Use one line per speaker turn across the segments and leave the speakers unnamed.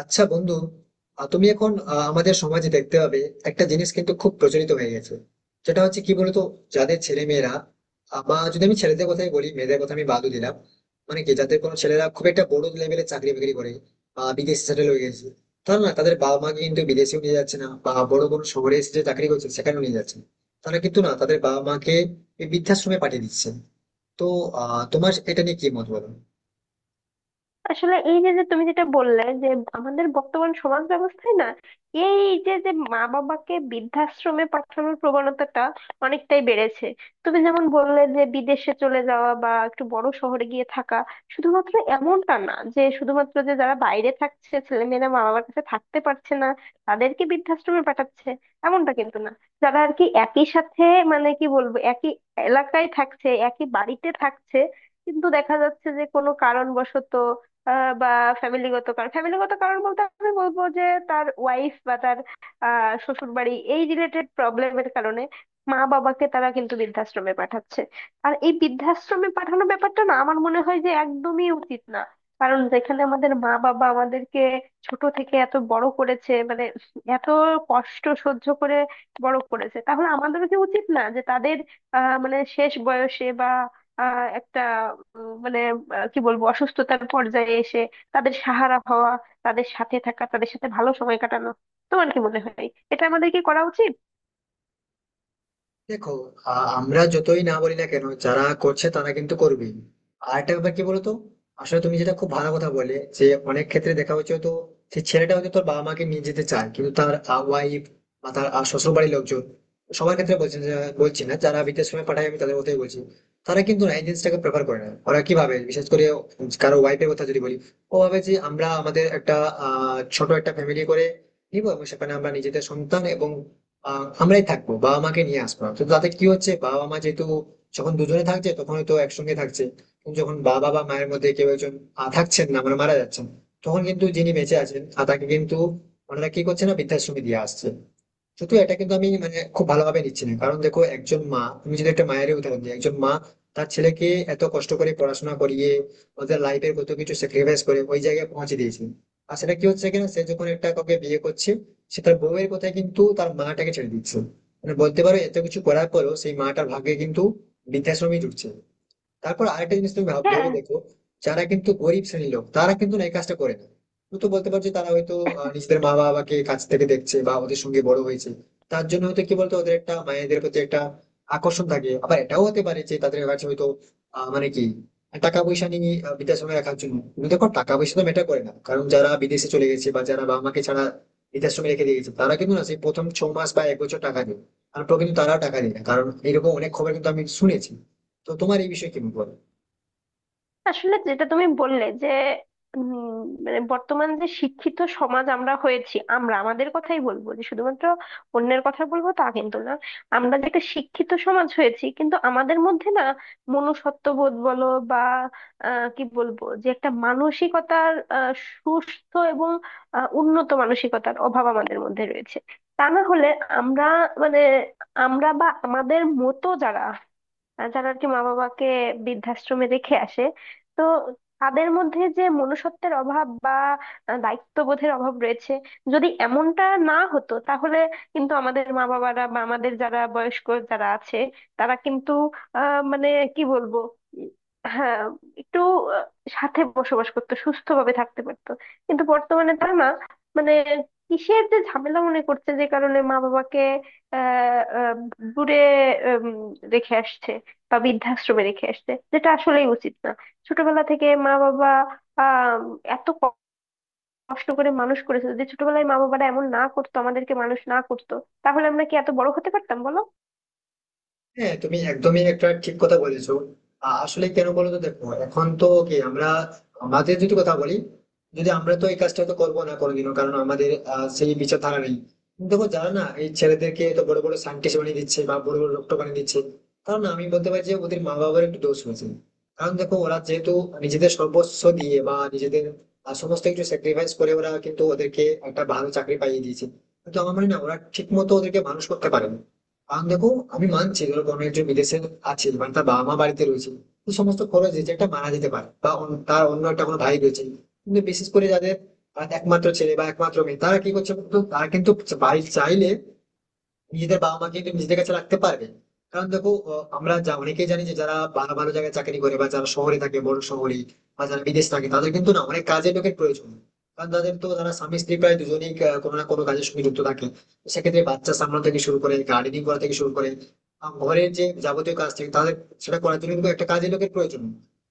আচ্ছা বন্ধু, তুমি এখন আমাদের সমাজে দেখতে পাবে একটা জিনিস কিন্তু খুব প্রচলিত হয়ে গেছে। যেটা হচ্ছে কি বলতো? যাদের ছেলে মেয়েরা বা যদি আমি ছেলেদের কথাই বলি, মেয়েদের কথা আমি বাদও দিলাম। মানে কি, যাদের কোনো ছেলেরা খুব একটা বড় লেভেলে চাকরি বাকরি করে বা বিদেশে সেটেল হয়ে গেছে, তারা না তাদের বাবা মাকে কিন্তু বিদেশেও নিয়ে যাচ্ছে না বা বড় কোনো শহরে এসে যে চাকরি করছে সেখানেও নিয়ে যাচ্ছে না। তারা কিন্তু না তাদের বাবা মাকে এই বৃদ্ধাশ্রমে পাঠিয়ে দিচ্ছে। তো তোমার এটা নিয়ে কি মত বলো?
আসলে এই যে যে তুমি যেটা বললে যে আমাদের বর্তমান সমাজ ব্যবস্থায় না এই যে যে মা বাবাকে বৃদ্ধাশ্রমে পাঠানোর প্রবণতাটা অনেকটাই বেড়েছে। তুমি যেমন বললে যে বিদেশে চলে যাওয়া বা একটু বড় শহরে গিয়ে থাকা, শুধুমাত্র এমনটা না যে শুধুমাত্র যে যারা বাইরে থাকছে, ছেলে মেয়েরা মা বাবার কাছে থাকতে পারছে না, তাদেরকে বৃদ্ধাশ্রমে পাঠাচ্ছে, এমনটা কিন্তু না। যারা আর কি একই সাথে, মানে কি বলবো, একই এলাকায় থাকছে, একই বাড়িতে থাকছে, কিন্তু দেখা যাচ্ছে যে কোনো কারণবশত বা ফ্যামিলিগত কারণ, ফ্যামিলিগত কারণ বলতে আমি বলবো যে তার ওয়াইফ বা তার শ্বশুর বাড়ি, এই রিলেটেড প্রবলেমের কারণে মা বাবাকে তারা কিন্তু বৃদ্ধাশ্রমে পাঠাচ্ছে। আর এই বৃদ্ধাশ্রমে পাঠানোর ব্যাপারটা না আমার মনে হয় যে একদমই উচিত না। কারণ যেখানে আমাদের মা বাবা আমাদেরকে ছোট থেকে এত বড় করেছে, মানে এত কষ্ট সহ্য করে বড় করেছে, তাহলে আমাদেরও কি উচিত না যে তাদের মানে শেষ বয়সে বা একটা মানে কি বলবো, অসুস্থতার পর্যায়ে এসে তাদের সাহারা হওয়া, তাদের সাথে থাকা, তাদের সাথে ভালো সময় কাটানো? তোমার কি মনে হয় এটা আমাদের কি করা উচিত?
দেখো, আমরা যতই না বলি না কেন যারা করছে তারা কিন্তু করবেই। আর একটা ব্যাপার কি বলতো? আসলে তুমি যেটা খুব ভালো কথা বলে যে অনেক ক্ষেত্রে দেখা হচ্ছে, তো সেই ছেলেটা হয়তো তোর বাবা মাকে নিয়ে যেতে চায় কিন্তু তার ওয়াইফ বা তার শ্বশুর বাড়ির লোকজন। সবার ক্ষেত্রে বলছি না, বলছি না, যারা বিদেশ সময় পাঠায় আমি তাদের কথাই বলছি। তারা কিন্তু না এই জিনিসটাকে প্রেফার করে না। ওরা কি ভাবে, বিশেষ করে কারো ওয়াইফের কথা যদি বলি, ও ভাবে যে আমরা আমাদের একটা ছোট একটা ফ্যামিলি করে নিবো, এবং সেখানে আমরা নিজেদের সন্তান এবং আমরাই থাকবো, বাবা মাকে নিয়ে আসবো না। তো তাতে কি হচ্ছে, বাবা মা যেহেতু যখন দুজনে থাকছে তখন হয়তো একসঙ্গে থাকছে, কিন্তু যখন বাবা বা মায়ের মধ্যে কেউ একজন থাকছেন না মানে মারা যাচ্ছেন, তখন কিন্তু যিনি বেঁচে আছেন তাকে কিন্তু ওনারা কি করছে না বৃদ্ধাশ্রমে দিয়ে আসছে। কিন্তু এটা কিন্তু আমি মানে খুব ভালোভাবে নিচ্ছি না, কারণ দেখো একজন মা, তুমি যদি একটা মায়ের উদাহরণ দিই, একজন মা তার ছেলেকে এত কষ্ট করে পড়াশোনা করিয়ে ওদের লাইফের কত কিছু স্যাক্রিফাইস করে ওই জায়গায় পৌঁছে দিয়েছে। আর সেটা কি হচ্ছে কিনা, সে যখন একটা কাউকে বিয়ে করছে সে তার বউয়ের কথায় কিন্তু তার মাটাকে ছেড়ে দিচ্ছে। মানে বলতে পারো এত কিছু করার পরেও সেই মাটার ভাগ্যে কিন্তু বৃদ্ধাশ্রমই জুটছে। তারপর আরেকটা জিনিস তুমি ভাব-
হ্যাঁ,
ভেবে দেখো। যারা কিন্তু গরিব শ্রেণীর লোক তারা কিন্তু না এই কাজটা করে না। তুমি তো বলতে পারছো যে তারা হয়তো নিজেদের মা বাবাকে কাছ থেকে দেখছে বা ওদের সঙ্গে বড় হয়েছে। তার জন্য হয়তো কি বলতো, ওদের একটা মায়েদের প্রতি একটা আকর্ষণ থাকে। আবার এটাও হতে পারে যে তাদের কাছে হয়তো মানে কি টাকা পয়সা নিয়ে বৃদ্ধাশ্রমে রাখার জন্য, কিন্তু দেখো টাকা পয়সা তো ম্যাটার করে না, কারণ যারা বিদেশে চলে গেছে বা যারা বাবা মাকে ছাড়া বৃদ্ধাশ্রমে রেখে দিয়ে গেছে তারা কিন্তু না সেই প্রথম 6 মাস বা এক বছর টাকা দেয়। তারপর কিন্তু তারা টাকা দেয় না, কারণ এরকম অনেক খবর কিন্তু আমি শুনেছি। তো তোমার এই বিষয়ে কি বল?
আসলে যেটা তুমি বললে যে উম, মানে বর্তমান যে শিক্ষিত সমাজ আমরা হয়েছি, আমরা আমাদের কথাই বলবো যে শুধুমাত্র অন্যের কথা বলবো তা কিন্তু না। আমরা যে একটা শিক্ষিত সমাজ হয়েছি কিন্তু আমাদের মধ্যে না মনুষ্যত্ববোধ বলো বা কি বলবো, যে একটা মানসিকতার সুস্থ এবং উন্নত মানসিকতার অভাব আমাদের মধ্যে রয়েছে। তা না হলে আমরা, মানে আমরা বা আমাদের মতো যারা যারা আর কি মা বাবাকে বৃদ্ধাশ্রমে রেখে আসে, তো তাদের মধ্যে যে মনুষ্যত্বের অভাব বা দায়িত্ববোধের অভাব রয়েছে। যদি এমনটা না হতো তাহলে কিন্তু আমাদের মা বাবারা বা আমাদের যারা বয়স্ক যারা আছে, তারা কিন্তু মানে কি বলবো, উম, হ্যাঁ, একটু আহ, সাথে বসবাস করতো, সুস্থভাবে থাকতে পারতো। কিন্তু বর্তমানে তারা না মানে কিসের যে ঝামেলা মনে করছে যে কারণে মা বাবাকে আহ আহ দূরে উম, রেখে আসছে বা বৃদ্ধাশ্রমে রেখে আসছে, যেটা আসলেই উচিত না। ছোটবেলা থেকে মা বাবা আহ এত কষ্ট করে মানুষ করেছে, যদি ছোটবেলায় মা বাবারা এমন না করতো, আমাদেরকে মানুষ না করতো, তাহলে আমরা কি এত বড় হতে পারতাম বলো?
হ্যাঁ, তুমি একদমই একটা ঠিক কথা বলেছো। আসলে কেন বলো তো, দেখো এখন তো কি আমরা, আমাদের যদি কথা বলি, যদি আমরা তো এই কাজটা তো করবো না কোনোদিনও, কারণ আমাদের সেই বিচারধারা নেই। কিন্তু দেখো যারা না এই ছেলেদেরকে তো বড় বড় সায়েন্টিস্ট বানিয়ে দিচ্ছে বা বড় বড় ডক্টর বানিয়ে দিচ্ছে, কারণ আমি বলতে পারি যে ওদের মা বাবার একটু দোষ হয়েছে। কারণ দেখো ওরা যেহেতু নিজেদের সর্বস্ব দিয়ে বা নিজেদের সমস্ত কিছু স্যাক্রিফাইস করে ওরা কিন্তু ওদেরকে একটা ভালো চাকরি পাইয়ে দিয়েছে, কিন্তু আমার মনে হয় না ওরা ঠিক মতো ওদেরকে মানুষ করতে পারেনি। কারণ দেখো, আমি মানছি, ধরো কোনো একজন বিদেশে আছে মানে তার বাবা মা বাড়িতে রয়েছে। তো সমস্ত খরচ যে একটা মানা যেতে পারে, বা তার অন্য একটা কোনো ভাই রয়েছে। কিন্তু বিশেষ করে যাদের একমাত্র ছেলে বা একমাত্র মেয়ে, তারা কি করছে বলতো, তারা কিন্তু বাড়ি চাইলে নিজেদের বাবা মাকে একটু নিজেদের কাছে রাখতে পারবেন। কারণ দেখো আমরা যা অনেকেই জানি যে যারা ভালো ভালো জায়গায় চাকরি করে বা যারা শহরে থাকে বড় শহরে বা যারা বিদেশ থাকে, তাদের কিন্তু না অনেক কাজের লোকের প্রয়োজন। কারণ তাদের তো, তারা স্বামী স্ত্রী প্রায় দুজনেই কোনো না কোনো কাজের সঙ্গে যুক্ত থাকে। তো সেক্ষেত্রে বাচ্চা সামলানো থেকে শুরু করে, গার্ডেনিং করা থেকে শুরু করে, ঘরের যে যাবতীয় কাজ থাকে তাদের, সেটা করার জন্য কিন্তু একটা কাজের লোকের প্রয়োজন।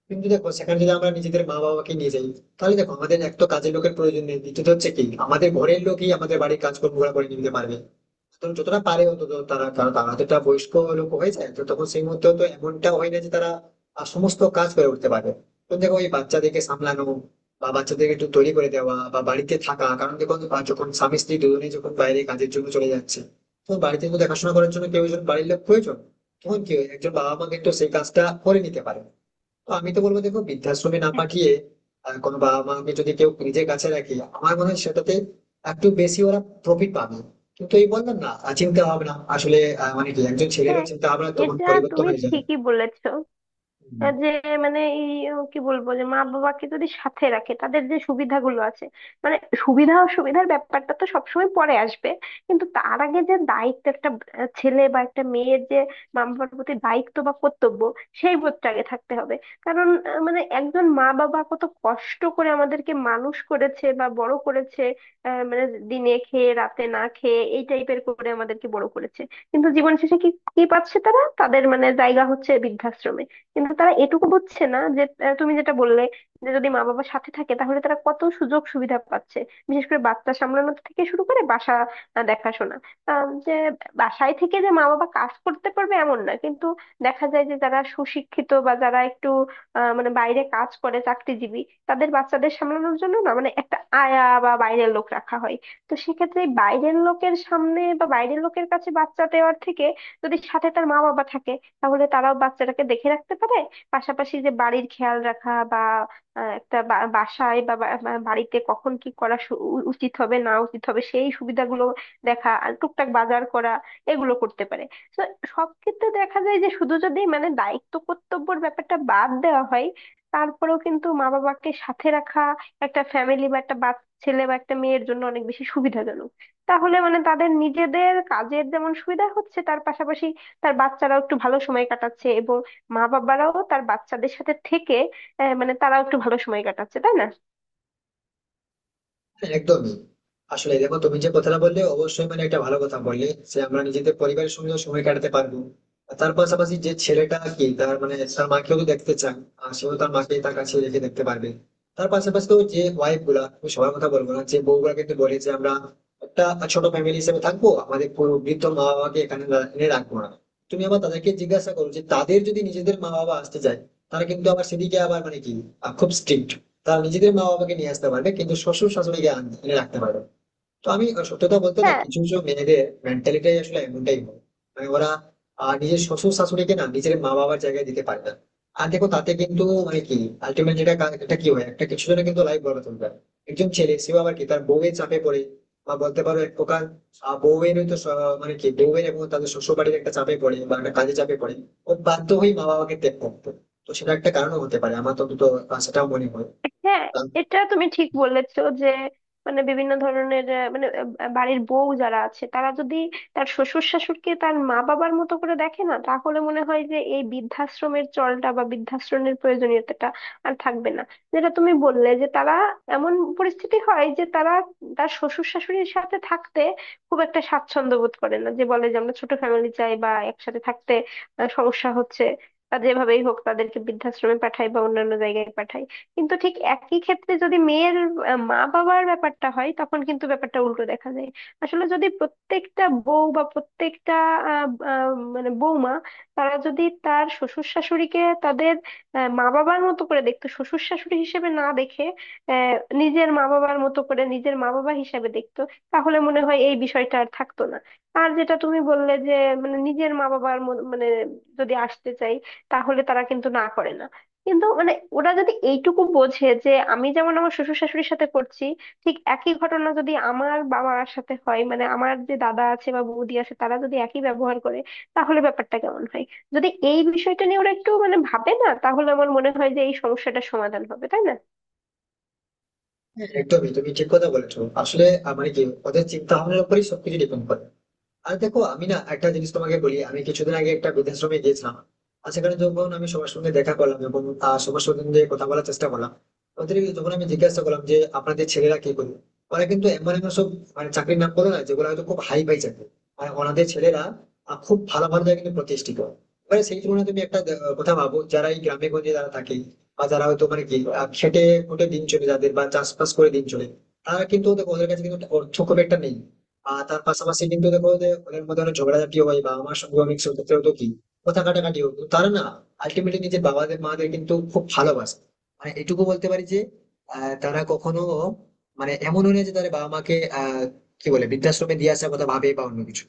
কিন্তু দেখো সেখানে যদি আমরা নিজেদের মা বাবাকে নিয়ে যাই, তাহলে দেখো আমাদের এক তো কাজের লোকের প্রয়োজন নেই, দ্বিতীয়ত হচ্ছে কি আমাদের ঘরের লোকই আমাদের বাড়ির কাজকর্ম করে নিতে পারবে। তো যতটা পারে অন্তত তারা, কারণ তারা তো একটা বয়স্ক লোক হয়ে যায়, তো তখন সেই মুহূর্তে তো এমনটা হয় না যে তারা সমস্ত কাজ করে উঠতে পারবে। তো দেখো, ওই বাচ্চাদেরকে সামলানো বা বাচ্চাদেরকে একটু তৈরি করে দেওয়া বা বাড়িতে থাকা, কারণ দেখো বা যখন স্বামী স্ত্রী দুজনেই যখন বাইরে কাজের জন্য চলে যাচ্ছে তখন বাড়িতে তো দেখাশোনা করার জন্য কেউ একজন বাড়ির লোক প্রয়োজন। তখন কি হয়, একজন বাবা মাকে একটু সেই কাজটা করে নিতে পারে। তো আমি তো বলবো দেখো, বৃদ্ধাশ্রমে না পাঠিয়ে কোনো বাবা মাকে যদি কেউ নিজের কাছে রাখে, আমার মনে হয় সেটাতে একটু বেশি ওরা প্রফিট পাবে। কিন্তু এই বললাম না, আর চিন্তা ভাবনা আসলে মানে কি একজন ছেলেরও
হ্যাঁ,
চিন্তা ভাবনা তখন
এটা
পরিবর্তন
তুমি
হয়ে যাবে।
ঠিকই বলেছো। যে মানে এই কি বলবো, যে মা বাবাকে যদি সাথে রাখে তাদের যে সুবিধাগুলো আছে, মানে সুবিধা অসুবিধার ব্যাপারটা তো সবসময় পরে আসবে, কিন্তু তার আগে যে দায়িত্ব, একটা ছেলে বা একটা মেয়ের যে মা বাবার প্রতি দায়িত্ব বা কর্তব্য, সেই বোধটা আগে থাকতে হবে। কারণ মানে একজন মা বাবা কত কষ্ট করে আমাদেরকে মানুষ করেছে বা বড় করেছে, মানে দিনে খেয়ে রাতে না খেয়ে এই টাইপের করে আমাদেরকে বড় করেছে। কিন্তু জীবন শেষে কি কি পাচ্ছে তারা? তাদের মানে জায়গা হচ্ছে বৃদ্ধাশ্রমে। কিন্তু তারা এটুকু বুঝছে না যে তুমি যেটা বললে যে যদি মা বাবা সাথে থাকে তাহলে তারা কত সুযোগ সুবিধা পাচ্ছে। বিশেষ করে বাচ্চা সামলানো থেকে শুরু করে বাসা দেখাশোনা, যে বাসায় থেকে যে মা বাবা কাজ করতে পারবে এমন না, কিন্তু দেখা যায় যে যারা সুশিক্ষিত বা যারা একটু মানে বাইরে কাজ করে চাকরিজীবী, তাদের বাচ্চাদের সামলানোর জন্য না মানে একটা আয়া বা বাইরের লোক রাখা হয়। তো সেক্ষেত্রে এই বাইরের লোকের সামনে বা বাইরের লোকের কাছে বাচ্চা দেওয়ার থেকে যদি সাথে তার মা বাবা থাকে, তাহলে তারাও বাচ্চাটাকে দেখে রাখতে পারে। পাশাপাশি যে বাড়ির খেয়াল রাখা বা একটা বাসায় বা বা- বা বাড়িতে কখন কি করা উচিত হবে না উচিত হবে, সেই সুবিধাগুলো দেখা, আর টুকটাক বাজার করা, এগুলো করতে পারে। তো সব ক্ষেত্রে দেখা যায় যে শুধু যদি মানে দায়িত্ব কর্তব্যের ব্যাপারটা বাদ দেওয়া হয়, তারপরেও কিন্তু মা বাবাকে সাথে রাখা একটা ফ্যামিলি বা একটা বাচ্চা ছেলে বা একটা মেয়ের জন্য অনেক বেশি সুবিধাজনক। তাহলে মানে তাদের নিজেদের কাজের যেমন সুবিধা হচ্ছে, তার পাশাপাশি তার বাচ্চারাও একটু ভালো সময় কাটাচ্ছে এবং মা বাবারাও তার বাচ্চাদের সাথে থেকে মানে তারাও একটু ভালো সময় কাটাচ্ছে, তাই না?
হ্যাঁ, একদমই। আসলে দেখো, তুমি যে কথাটা বললে অবশ্যই মানে একটা ভালো কথা বললে যে আমরা নিজেদের পরিবারের সঙ্গেও সময় কাটাতে পারবো। আর তার পাশাপাশি যে ছেলেটা কি, তার মানে তার মাকেও তো দেখতে চান, আর সেও তার মাকে তার কাছে রেখে দেখতে পারবে। তার পাশাপাশি তো যে ওয়াইফ গুলা, আমি সবার কথা বলবো না, যে বউগুলা কিন্তু বলে যে আমরা একটা ছোট ফ্যামিলি হিসেবে থাকবো, আমাদের কোনো বৃদ্ধ মা বাবাকে এখানে এনে রাখবো না। তুমি আবার তাদেরকে জিজ্ঞাসা করো যে তাদের যদি নিজেদের মা বাবা আসতে চায়, তারা কিন্তু আবার সেদিকে আবার মানে কি খুব স্ট্রিক্ট। তারা নিজেদের মা বাবাকে নিয়ে আসতে পারবে, কিন্তু শ্বশুর শাশুড়িকে এনে রাখতে পারবে না। তো আমি সত্যতা বলতে না,
হ্যাঁ,
কিছু কিছু মেয়েদের মেন্টালিটাই আসলে এমনটাই হয়। মানে ওরা নিজের শ্বশুর শাশুড়িকে না নিজের মা বাবার জায়গায় দিতে পারে না। আর দেখো তাতে কিন্তু মানে কি, আলটিমেট যেটা এটা কি হয়, একটা কিছু জনের কিন্তু লাইফ বরবাদ হয়ে যায়। একজন ছেলে, সেও আবার কি তার বউয়ের চাপে পড়ে, বা বলতে পারো এক প্রকার বউয়ের তো মানে কি বউয়ের এবং তাদের শ্বশুর বাড়ির একটা চাপে পড়ে বা একটা কাজে চাপে পড়ে ও বাধ্য হয়ে মা বাবাকে ত্যাগ করতে। তো সেটা একটা কারণও হতে পারে, আমার তো দুটো সেটাও মনে হয়
হ্যাঁ,
তার।
এটা তুমি ঠিক বলেছো যে মানে বিভিন্ন ধরনের বাড়ির বউ যারা আছে, তারা যদি তার শ্বশুর শাশুড়িকে তার মা বাবার মতো করে দেখে, না তাহলে মনে হয় যে এই বৃদ্ধাশ্রমের চলটা বা বৃদ্ধাশ্রমের প্রয়োজনীয়তাটা আর থাকবে না। যেটা তুমি বললে যে তারা এমন পরিস্থিতি হয় যে তারা তার শ্বশুর শাশুড়ির সাথে থাকতে খুব একটা স্বাচ্ছন্দ্য বোধ করে না, যে বলে যে আমরা ছোট ফ্যামিলি চাই বা একসাথে থাকতে সমস্যা হচ্ছে, তা যেভাবেই হোক তাদেরকে বৃদ্ধাশ্রমে পাঠাই বা অন্যান্য জায়গায় পাঠাই। কিন্তু ঠিক একই ক্ষেত্রে যদি মেয়ের মা বাবার ব্যাপারটা হয় তখন কিন্তু ব্যাপারটা উল্টো দেখা যায়। আসলে যদি প্রত্যেকটা বউ বা প্রত্যেকটা আহ, আহ, মানে বৌমা, তারা যদি তার শ্বশুর শাশুড়িকে তাদের মা বাবার মতো করে দেখতো, শ্বশুর শাশুড়ি হিসেবে না দেখে আহ, নিজের মা বাবার মতো করে নিজের মা বাবা হিসেবে দেখতো, তাহলে মনে হয় এই বিষয়টা আর থাকতো না। আর যেটা তুমি বললে যে মানে নিজের মানে যদি আসতে চাই, তাহলে তারা কিন্তু না করে না। কিন্তু মানে ওরা যদি এইটুকু বোঝে যে আমি যেমন আমার শ্বশুর শাশুড়ির সাথে করছি, ঠিক একই ঘটনা যদি আমার বাবার সাথে হয়, মানে আমার যে দাদা আছে বা বৌদি আছে তারা যদি একই ব্যবহার করে, তাহলে ব্যাপারটা কেমন হয়? যদি এই বিষয়টা নিয়ে ওরা একটু মানে ভাবে, না তাহলে আমার মনে হয় যে এই সমস্যাটার সমাধান হবে, তাই না?
একদমই তুমি ঠিক কথা বলেছো, আসলে মানে কি ওদের চিন্তা ভাবনার উপরই সবকিছু ডিপেন্ড করে। আর দেখো আমি না একটা জিনিস তোমাকে বলি, আমি কিছুদিন আগে একটা বৃদ্ধাশ্রমে গিয়েছিলাম। আর সেখানে যখন আমি সবার সঙ্গে দেখা করলাম এবং সবার সঙ্গে কথা বলার চেষ্টা করলাম। ওদের যখন আমি জিজ্ঞাসা করলাম যে আপনাদের ছেলেরা কি করবে, ওরা কিন্তু এমন এমন সব মানে চাকরির নাম বলে না যেগুলো হয়তো খুব হাই ফাই চাকরি। আর ওনাদের ছেলেরা খুব ভালো ভালো জায়গায় কিন্তু প্রতিষ্ঠিত। এবারে সেই তুলনায় তুমি একটা কথা ভাবো, যারা এই গ্রামে গঞ্জে যারা থাকে, বা যারা হয়তো মানে কি খেটে খুটে দিন চলে যাদের বা চাষবাস করে দিন চলে, তারা কিন্তু দেখো ওদের কাছে কিন্তু অর্থ খুব একটা নেই। আর তার পাশাপাশি কিন্তু দেখো যে ওদের মধ্যে অনেক ঝগড়াঝাটি হয় বা আমার সঙ্গে অনেক সেক্ষেত্রে হতো কি কথা কাটাকাটি হতো, তারা না আলটিমেটলি নিজের বাবাদের মাদের কিন্তু খুব ভালোবাসে। মানে এটুকু বলতে পারি যে তারা কখনো মানে এমন নয় যে তাদের বাবা মাকে কি বলে বৃদ্ধাশ্রমে দিয়ে আসার কথা ভাবে বা অন্য কিছু।